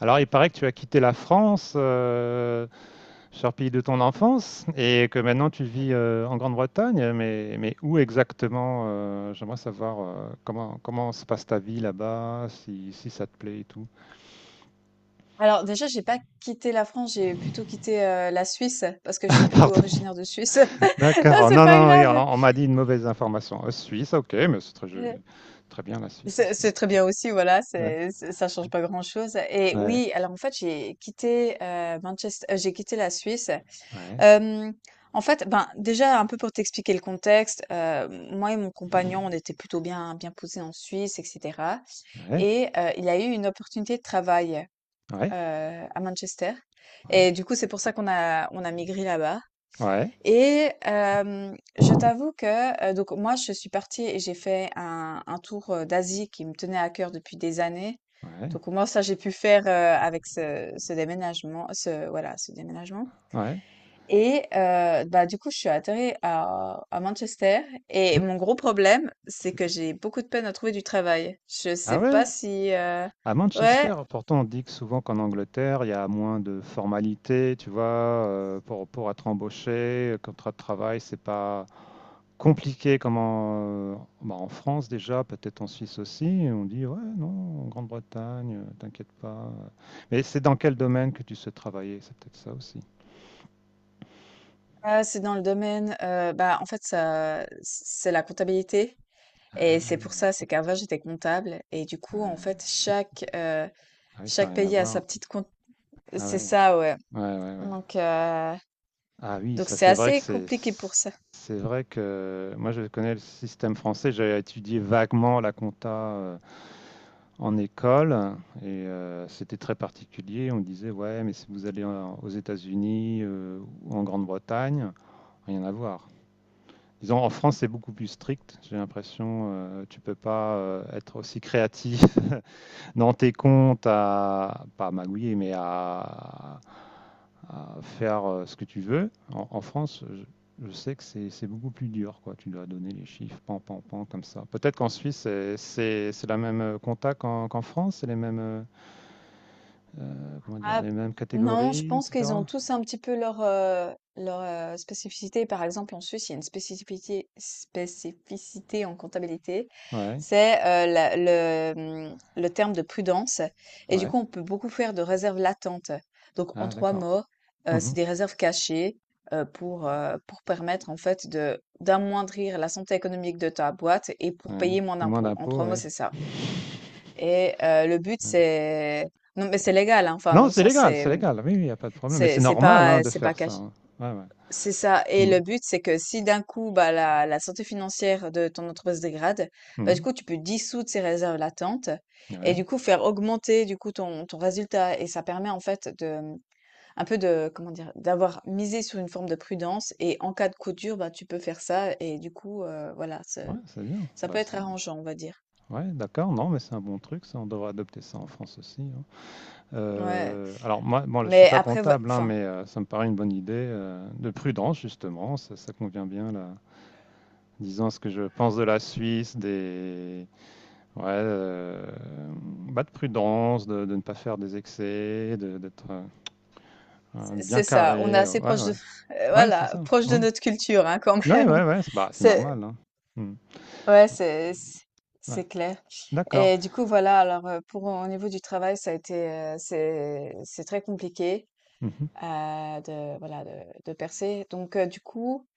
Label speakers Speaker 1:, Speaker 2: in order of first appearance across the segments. Speaker 1: Alors, il paraît que tu as quitté la France, cher pays de ton enfance, et que maintenant tu vis en Grande-Bretagne. Mais où exactement, j'aimerais savoir comment se passe ta vie là-bas, si ça te plaît et tout.
Speaker 2: Alors déjà, j'ai pas quitté la France, j'ai plutôt quitté, la Suisse parce que je suis plutôt
Speaker 1: Pardon.
Speaker 2: originaire de Suisse. Non,
Speaker 1: D'accord.
Speaker 2: c'est
Speaker 1: Non,
Speaker 2: pas
Speaker 1: non, oui, on,
Speaker 2: grave.
Speaker 1: on m'a dit une mauvaise information. Suisse, ok, mais c'est très joli.
Speaker 2: Heu,
Speaker 1: Très bien la Suisse
Speaker 2: c'est
Speaker 1: aussi.
Speaker 2: très bien aussi, voilà,
Speaker 1: Ouais,
Speaker 2: c'est ça change pas grand-chose. Et
Speaker 1: ouais,
Speaker 2: oui, alors en fait, j'ai quitté, Manchest j'ai quitté la Suisse.
Speaker 1: ouais,
Speaker 2: Hem, En fait, ben, déjà un peu pour t'expliquer le contexte, moi et mon compagnon, on était plutôt bien posés en Suisse et cetera,
Speaker 1: ouais,
Speaker 2: et il a eu une opportunité de travail.
Speaker 1: ouais,
Speaker 2: heu, à Manchester, et du coup, c'est pour ça qu'on a migré là-bas.
Speaker 1: ouais,
Speaker 2: Et je
Speaker 1: ouais,
Speaker 2: t'avoue que, donc moi, je suis partie et j'ai fait un tour, d'Asie qui me tenait à cœur depuis des années.
Speaker 1: ouais,
Speaker 2: Donc moi ça, j'ai pu faire, avec ce déménagement, ce déménagement.
Speaker 1: ouais.
Speaker 2: Et bah, du coup, je suis atterrie à Manchester,
Speaker 1: Hmm.
Speaker 2: et mon gros problème, c'est que
Speaker 1: C'est-
Speaker 2: j'ai beaucoup de peine à trouver du travail. Je
Speaker 1: Ah
Speaker 2: sais
Speaker 1: ouais?
Speaker 2: pas si,
Speaker 1: À Manchester,
Speaker 2: ouais.
Speaker 1: pourtant, on dit que souvent qu'en Angleterre, il y a moins de formalités, tu vois, pour être embauché, contrat de travail, c'est pas compliqué comme en, bah, en France déjà, peut-être en Suisse aussi. Et on dit, ouais, non, en Grande-Bretagne, t'inquiète pas. Mais c'est dans quel domaine que tu souhaites travailler? C'est peut-être ça aussi.
Speaker 2: Ah, c'est dans le domaine, bah, en fait, ça c'est la comptabilité, et c'est
Speaker 1: Ah,
Speaker 2: pour ça, c'est qu'avant j'étais comptable, et du
Speaker 1: ouais.
Speaker 2: coup, en fait,
Speaker 1: C'est-
Speaker 2: chaque,
Speaker 1: Ah oui, ça n'a
Speaker 2: chaque
Speaker 1: rien à
Speaker 2: pays a sa
Speaker 1: voir.
Speaker 2: petite compte,
Speaker 1: Ah
Speaker 2: c'est
Speaker 1: ouais,
Speaker 2: ça, ouais,
Speaker 1: ouais, ouais, ouais.
Speaker 2: donc heu,
Speaker 1: Ah oui,
Speaker 2: donc
Speaker 1: ça
Speaker 2: c'est
Speaker 1: c'est vrai que
Speaker 2: assez
Speaker 1: c'est
Speaker 2: compliqué pour ça.
Speaker 1: c'est vrai que moi je connais le système français. J'ai étudié vaguement la compta en école et c'était très particulier. On me disait ouais, mais si vous allez en- aux États-Unis ou en Grande-Bretagne, rien à voir. Disons en France c'est beaucoup plus strict. J'ai l'impression tu peux pas être aussi créatif dans tes comptes, à pas à magouiller mais à faire ce que tu veux. En France, je sais que c'est beaucoup plus dur, quoi. Tu dois donner les chiffres, pan, pan, pan, comme ça. Peut-être qu'en Suisse, c'est la même compta qu'en France, c'est les mêmes, comment dire,
Speaker 2: Ah,
Speaker 1: les mêmes
Speaker 2: non, je
Speaker 1: catégories,
Speaker 2: pense qu'ils
Speaker 1: etc.
Speaker 2: ont tous un petit peu leur, leur spécificité. Par exemple, en Suisse, il y a une spécificité, spécificité en comptabilité,
Speaker 1: Ouais,
Speaker 2: c'est le terme de prudence. Et du
Speaker 1: ouais.
Speaker 2: coup, on peut beaucoup faire de réserves latentes. Donc, en
Speaker 1: Ah,
Speaker 2: trois
Speaker 1: d'accord.
Speaker 2: mots, c'est
Speaker 1: Mhm.
Speaker 2: des réserves cachées, pour permettre en fait de d'amoindrir la santé économique de ta boîte et pour
Speaker 1: Ouais.
Speaker 2: payer moins
Speaker 1: Et moins
Speaker 2: d'impôts. En
Speaker 1: d'impôts,
Speaker 2: trois mots,
Speaker 1: ouais.
Speaker 2: c'est ça. Et le but,
Speaker 1: Ouais.
Speaker 2: c'est... Non, mais c'est légal, hein. Enfin, dans
Speaker 1: Non,
Speaker 2: le
Speaker 1: c'est
Speaker 2: sens,
Speaker 1: légal,
Speaker 2: c'est...
Speaker 1: c'est
Speaker 2: mmh,
Speaker 1: légal. Oui, il n'y a pas de problème. Mais c'est
Speaker 2: c'est
Speaker 1: normal, hein,
Speaker 2: pas
Speaker 1: de
Speaker 2: c'est pas
Speaker 1: faire ça,
Speaker 2: caché.
Speaker 1: hein. Ouais, ouais.
Speaker 2: C'est ça. Et
Speaker 1: Mm.
Speaker 2: le but, c'est que si d'un coup, bah, la santé financière de ton entreprise se dégrade, bah, du
Speaker 1: Mm.
Speaker 2: coup, tu peux dissoudre ces réserves latentes, et
Speaker 1: Ouais,
Speaker 2: du coup, faire augmenter du coup ton résultat. Et ça permet en fait de, mmh, un peu de, comment dire, d'avoir misé sur une forme de prudence. Et en cas de coup dur, bah, tu peux faire ça. Et du coup, voilà,
Speaker 1: ouais, c'est bien.
Speaker 2: ça peut
Speaker 1: Bah,
Speaker 2: être
Speaker 1: c'est-
Speaker 2: arrangeant, on va dire.
Speaker 1: Ouais, d'accord, non, mais c'est un bon truc, ça, on devrait adopter ça en France aussi, hein.
Speaker 2: Ouais,
Speaker 1: Alors, moi, bon, là, je suis
Speaker 2: mais
Speaker 1: pas
Speaker 2: après,
Speaker 1: comptable, hein,
Speaker 2: enfin,
Speaker 1: mais ça me paraît une bonne idée de prudence, justement, ça convient bien, là. Disons ce que je pense de la Suisse, des... Ouais, bah, de prudence, de ne pas faire des excès, d'être bien
Speaker 2: c'est ça. On est
Speaker 1: carré.
Speaker 2: assez
Speaker 1: Ouais,
Speaker 2: proche de,
Speaker 1: ouais, ouais, c'est
Speaker 2: voilà,
Speaker 1: ça.
Speaker 2: proche de
Speaker 1: Mm.
Speaker 2: notre culture, hein, quand
Speaker 1: Ouais,
Speaker 2: même.
Speaker 1: ouais, ouais, c'est bah, c'est
Speaker 2: C'est-
Speaker 1: normal, hein. Mm.
Speaker 2: ouais,
Speaker 1: Ouais,
Speaker 2: c'est clair.
Speaker 1: d'accord.
Speaker 2: Et du coup, voilà, alors pour au niveau du travail, ça a été c'est très compliqué
Speaker 1: Mhm.
Speaker 2: de de percer. Donc du coup,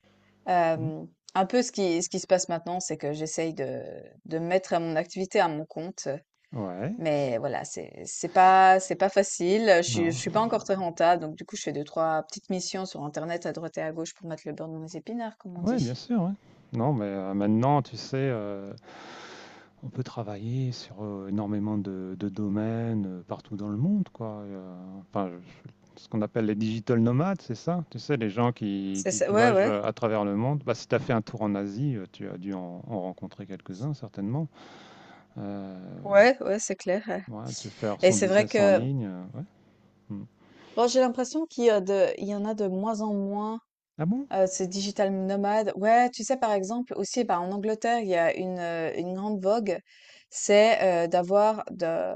Speaker 1: Mm.
Speaker 2: euh, un peu ce qui se passe maintenant, c'est que j'essaye de mettre à mon activité à mon compte.
Speaker 1: Ouais, c'est-
Speaker 2: Mais voilà, c'est pas c'est pas facile. Je suis je
Speaker 1: non.
Speaker 2: suis pas encore très rentable, donc du coup, je fais deux trois petites missions sur Internet à droite et à gauche pour mettre le beurre dans mes épinards, comme on
Speaker 1: Ouais, bien
Speaker 2: dit.
Speaker 1: sûr, ouais. Non, mais maintenant, tu sais, on peut travailler sur, énormément de domaines, partout dans le monde, quoi, et enfin, je ce qu'on appelle les digital nomades, c'est ça? Tu sais, les gens
Speaker 2: C'est ça,
Speaker 1: qui
Speaker 2: ouais,
Speaker 1: voyagent,
Speaker 2: ouais,
Speaker 1: à travers le monde. Bah, si tu as fait un tour en Asie, tu as dû en rencontrer quelques-uns certainement. Heu,
Speaker 2: ouais, ouais, c'est clair.
Speaker 1: ouais, de se faire
Speaker 2: Et
Speaker 1: son
Speaker 2: c'est vrai
Speaker 1: business en
Speaker 2: que
Speaker 1: ligne, ouais. Mmh.
Speaker 2: bon, j'ai l'impression qu'il y a il y en a de moins en moins,
Speaker 1: Ah bon?
Speaker 2: ces digital nomades. Ouais, tu sais, par exemple, aussi, bah, en Angleterre, il y a une grande vogue, c'est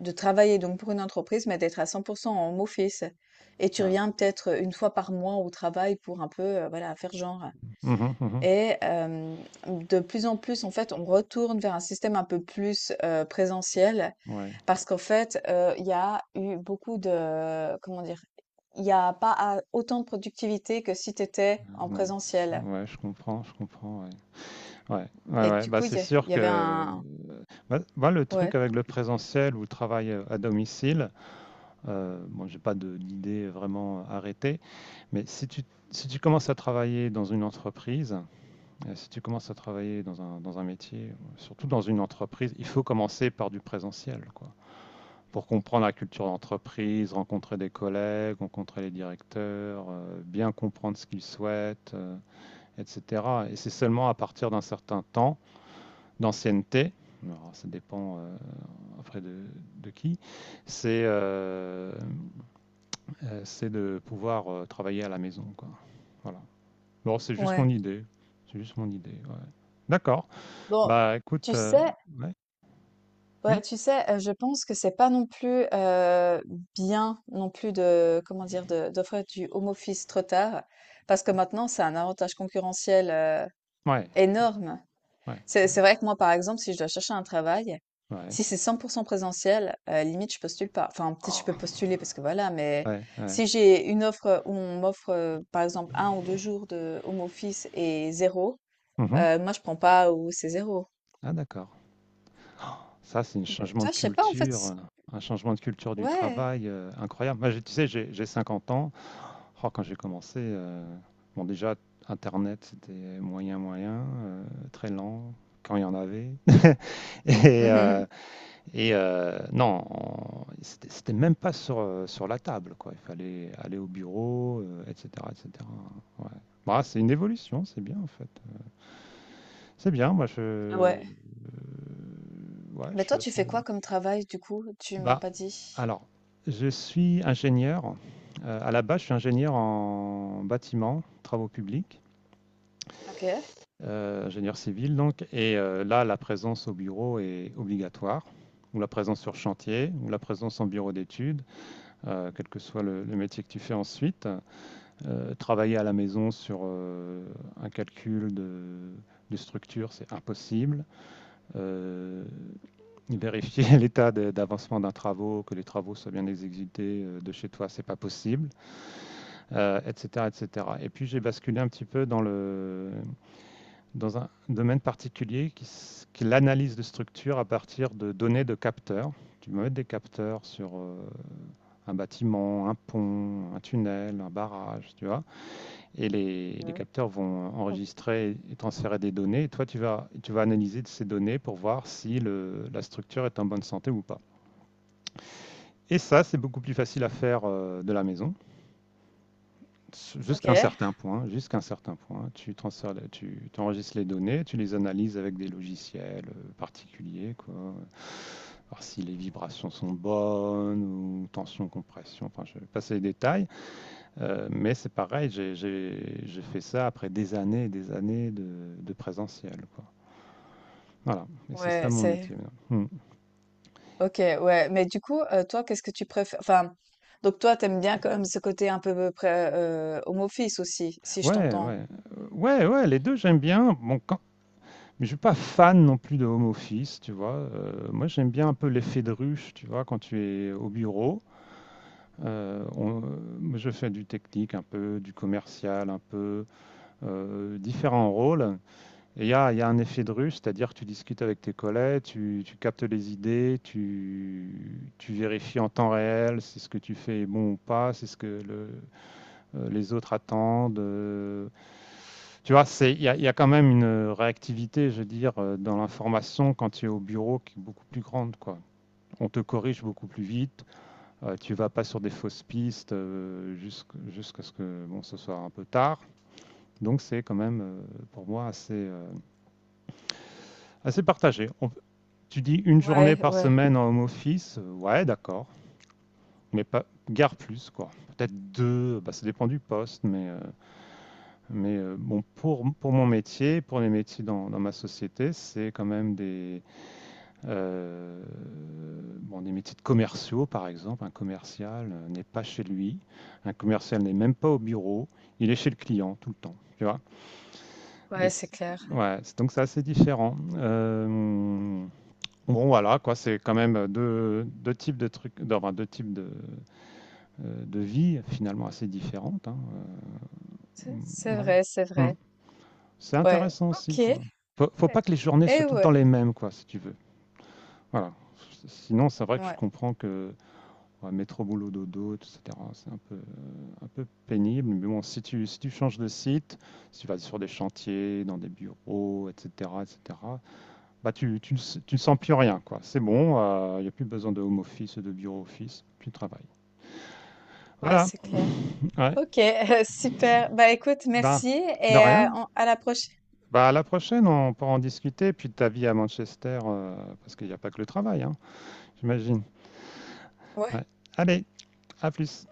Speaker 2: de travailler donc pour une entreprise, mais d'être à 100% en home office. Et tu
Speaker 1: Ah ouais.
Speaker 2: reviens peut-être une fois par mois au travail pour un peu, voilà, faire genre.
Speaker 1: Mmh mh, mmh.
Speaker 2: Et de plus en plus, en fait, on retourne vers un système un peu plus présentiel.
Speaker 1: Ouais.
Speaker 2: Parce qu'en fait, il y a eu beaucoup de, comment dire? Il y a pas a autant de productivité que si tu étais en
Speaker 1: Non, c
Speaker 2: présentiel,
Speaker 1: ouais, je comprends, ouais. Ouais, ouais,
Speaker 2: et
Speaker 1: ouais.
Speaker 2: du
Speaker 1: Bah,
Speaker 2: coup,
Speaker 1: c'est
Speaker 2: il
Speaker 1: sûr
Speaker 2: y avait
Speaker 1: que
Speaker 2: un
Speaker 1: bah, le
Speaker 2: ouais,
Speaker 1: truc avec le présentiel ou le travail à domicile, bon, j'ai pas d'idée vraiment arrêtée, mais si tu commences à travailler dans une entreprise, si tu commences à travailler dans un métier, ou surtout dans une entreprise, il faut commencer par du présentiel, quoi, pour comprendre la culture d'entreprise, rencontrer des collègues, rencontrer les directeurs, bien comprendre ce qu'ils souhaitent, etc. Et c'est seulement à partir d'un certain temps d'ancienneté, alors, ça dépend après de qui, c'est de pouvoir travailler à la maison, quoi. Voilà. Bon, c'est juste
Speaker 2: ouais.
Speaker 1: mon idée. C'est juste mon idée, ouais. D'accord.
Speaker 2: Bon,
Speaker 1: Bah, écoute,
Speaker 2: tu sais
Speaker 1: ouais, oui,
Speaker 2: ouais, tu sais, je pense que c'est pas non plus, bien non plus de, comment dire? De d'offrir du home office trop tard, parce que maintenant, c'est un avantage concurrentiel,
Speaker 1: ouais,
Speaker 2: énorme.
Speaker 1: ouais,
Speaker 2: C'est
Speaker 1: ouais,
Speaker 2: c'est vrai que moi, par exemple, si je dois chercher un travail,
Speaker 1: ouais.
Speaker 2: si c'est cent pour 100 présentiel, limite, je postule pas. Enfin, peut-être je
Speaker 1: Ah,
Speaker 2: peux postuler parce que voilà, mais
Speaker 1: ouais, ouais.
Speaker 2: si j'ai une offre où on m'offre, par exemple un ou 2 jours de home office et zéro
Speaker 1: Mhm.
Speaker 2: moi je prends pas, ou c'est zéro.
Speaker 1: Ah, d'accord. Ça, c'est un
Speaker 2: Donc,
Speaker 1: changement
Speaker 2: tu
Speaker 1: de
Speaker 2: je sais pas en fait
Speaker 1: culture,
Speaker 2: c
Speaker 1: un changement de culture du
Speaker 2: ouais.
Speaker 1: travail, incroyable. Moi, j'ai tu sais, j'ai 50 ans. Oh, quand j'ai commencé, bon, déjà, internet, c'était moyen, moyen, très lent, quand il y en avait, et
Speaker 2: Mmh.
Speaker 1: heu et non, on c'était même pas sur, sur la table, quoi. Il fallait aller au bureau, et cetera et cetera. Ouais. Bah, c'est une évolution, c'est bien, en fait. C'est bien, moi,
Speaker 2: Ah ouais.
Speaker 1: ouais, je
Speaker 2: Mais
Speaker 1: suis
Speaker 2: toi, tu
Speaker 1: assez
Speaker 2: fais quoi comme travail du coup? Tu m'as
Speaker 1: bah,
Speaker 2: pas dit.
Speaker 1: alors, je suis ingénieur. À la base, je suis ingénieur en bâtiment, travaux publics,
Speaker 2: OK.
Speaker 1: ingénieur civil donc. Et là, la présence au bureau est obligatoire, ou la présence sur chantier, ou la présence en bureau d'études, quel que soit le métier que tu fais ensuite. Travailler à la maison sur un calcul de structure, c'est impossible. Euh, Vérifier l'état d'avancement d'un travaux, que les travaux soient bien exécutés de chez toi, c'est pas possible, etc., etc. Et cetera. Et puis j'ai basculé un petit peu dans un domaine particulier qui, qui est l'analyse de structure à partir de données de capteurs. Tu peux mettre des capteurs sur un bâtiment, un pont, un tunnel, un barrage, tu vois. Et les
Speaker 2: Mmh.
Speaker 1: capteurs vont
Speaker 2: Mmh.
Speaker 1: enregistrer et transférer des données. Et toi, tu vas analyser de ces données pour voir si la structure est en bonne santé ou pas. Et ça, c'est beaucoup plus facile à faire de la maison, jusqu'à un
Speaker 2: OK.
Speaker 1: certain point. Jusqu'à un certain point, tu transfères, tu enregistres les données, tu les analyses avec des logiciels particuliers, quoi. Voir si les vibrations sont bonnes ou tension, compression. Enfin, je vais passer les détails. Mais c'est pareil. J'ai fait ça après des années et des années de présentiel, quoi. Voilà, et c'est ça
Speaker 2: Ouais,
Speaker 1: mon
Speaker 2: c'est
Speaker 1: métier maintenant. Hmm.
Speaker 2: ok, ouais. Mais du coup, toi, qu'est-ce que tu préfères? Enfin, donc toi, t'aimes bien quand même ce côté un peu près, home office aussi, si je
Speaker 1: Ouais,
Speaker 2: t'entends.
Speaker 1: ouais. Ouais, ouais, les deux j'aime bien. Bon, quand, mais je suis pas fan non plus de home office, tu vois. Moi, j'aime bien un peu l'effet de ruche, tu vois, quand tu es au bureau. Euh, on- Moi, je fais du technique un peu, du commercial un peu, différents rôles. Et il y a un effet de ruche, c'est-à-dire que tu discutes avec tes collègues, tu captes les idées, tu vérifies en temps réel si ce que tu fais est bon ou pas, si ce que les autres attendent. Tu vois, il y a quand même une réactivité, je veux dire, dans l'information quand tu es au bureau qui est beaucoup plus grande, quoi. On te corrige beaucoup plus vite, tu ne vas pas sur des fausses pistes jusqu'à jusqu ce que bon, ce soit un peu tard. Donc c'est quand même pour moi assez partagé. On, tu dis une journée
Speaker 2: Ouais,
Speaker 1: par
Speaker 2: ouais,
Speaker 1: semaine en home office, ouais d'accord, mais pas, guère plus quoi. Peut-être deux, bah, ça dépend du poste, mais bon, pour mon métier, pour les métiers dans ma société, c'est quand même des, euh, bon, des métiers de commerciaux, par exemple. Un commercial n'est pas chez lui, un commercial n'est même pas au bureau, il est chez le client tout le temps, tu vois. Et
Speaker 2: ouais, c'est clair.
Speaker 1: ouais, donc c'est assez différent. Bon, voilà, quoi, c'est quand même deux types de trucs, enfin, deux types de vie finalement assez différentes, hein.
Speaker 2: C'est
Speaker 1: Ouais.
Speaker 2: vrai, c'est
Speaker 1: Hmm.
Speaker 2: vrai.
Speaker 1: C'est
Speaker 2: Ouais,
Speaker 1: intéressant aussi,
Speaker 2: ok. Eh
Speaker 1: quoi. Faut pas que les journées soient
Speaker 2: eh
Speaker 1: tout le temps
Speaker 2: ouais,
Speaker 1: les mêmes, quoi, si tu veux. Voilà. Sinon, c'est vrai que je
Speaker 2: ouais.
Speaker 1: comprends que ouais, métro, boulot, dodo, etc., c'est un peu pénible. Mais bon, si tu changes de site, si tu vas sur des chantiers, dans des bureaux, etc., etc., bah ne s- tu ne sens plus rien, quoi. C'est bon, il n'y a plus besoin de home office, de bureau office, tu travailles.
Speaker 2: Ouais,
Speaker 1: Voilà.
Speaker 2: c'est clair.
Speaker 1: Ouais.
Speaker 2: Ok, super. Bah écoute,
Speaker 1: Ben,
Speaker 2: merci
Speaker 1: de
Speaker 2: et
Speaker 1: rien.
Speaker 2: on- à la prochaine.
Speaker 1: Bah, à la prochaine, on pourra en discuter. Puis de ta vie à Manchester, parce qu'il n'y a pas que le travail, hein. J'imagine.
Speaker 2: Ouais.
Speaker 1: Ouais. Allez, à plus.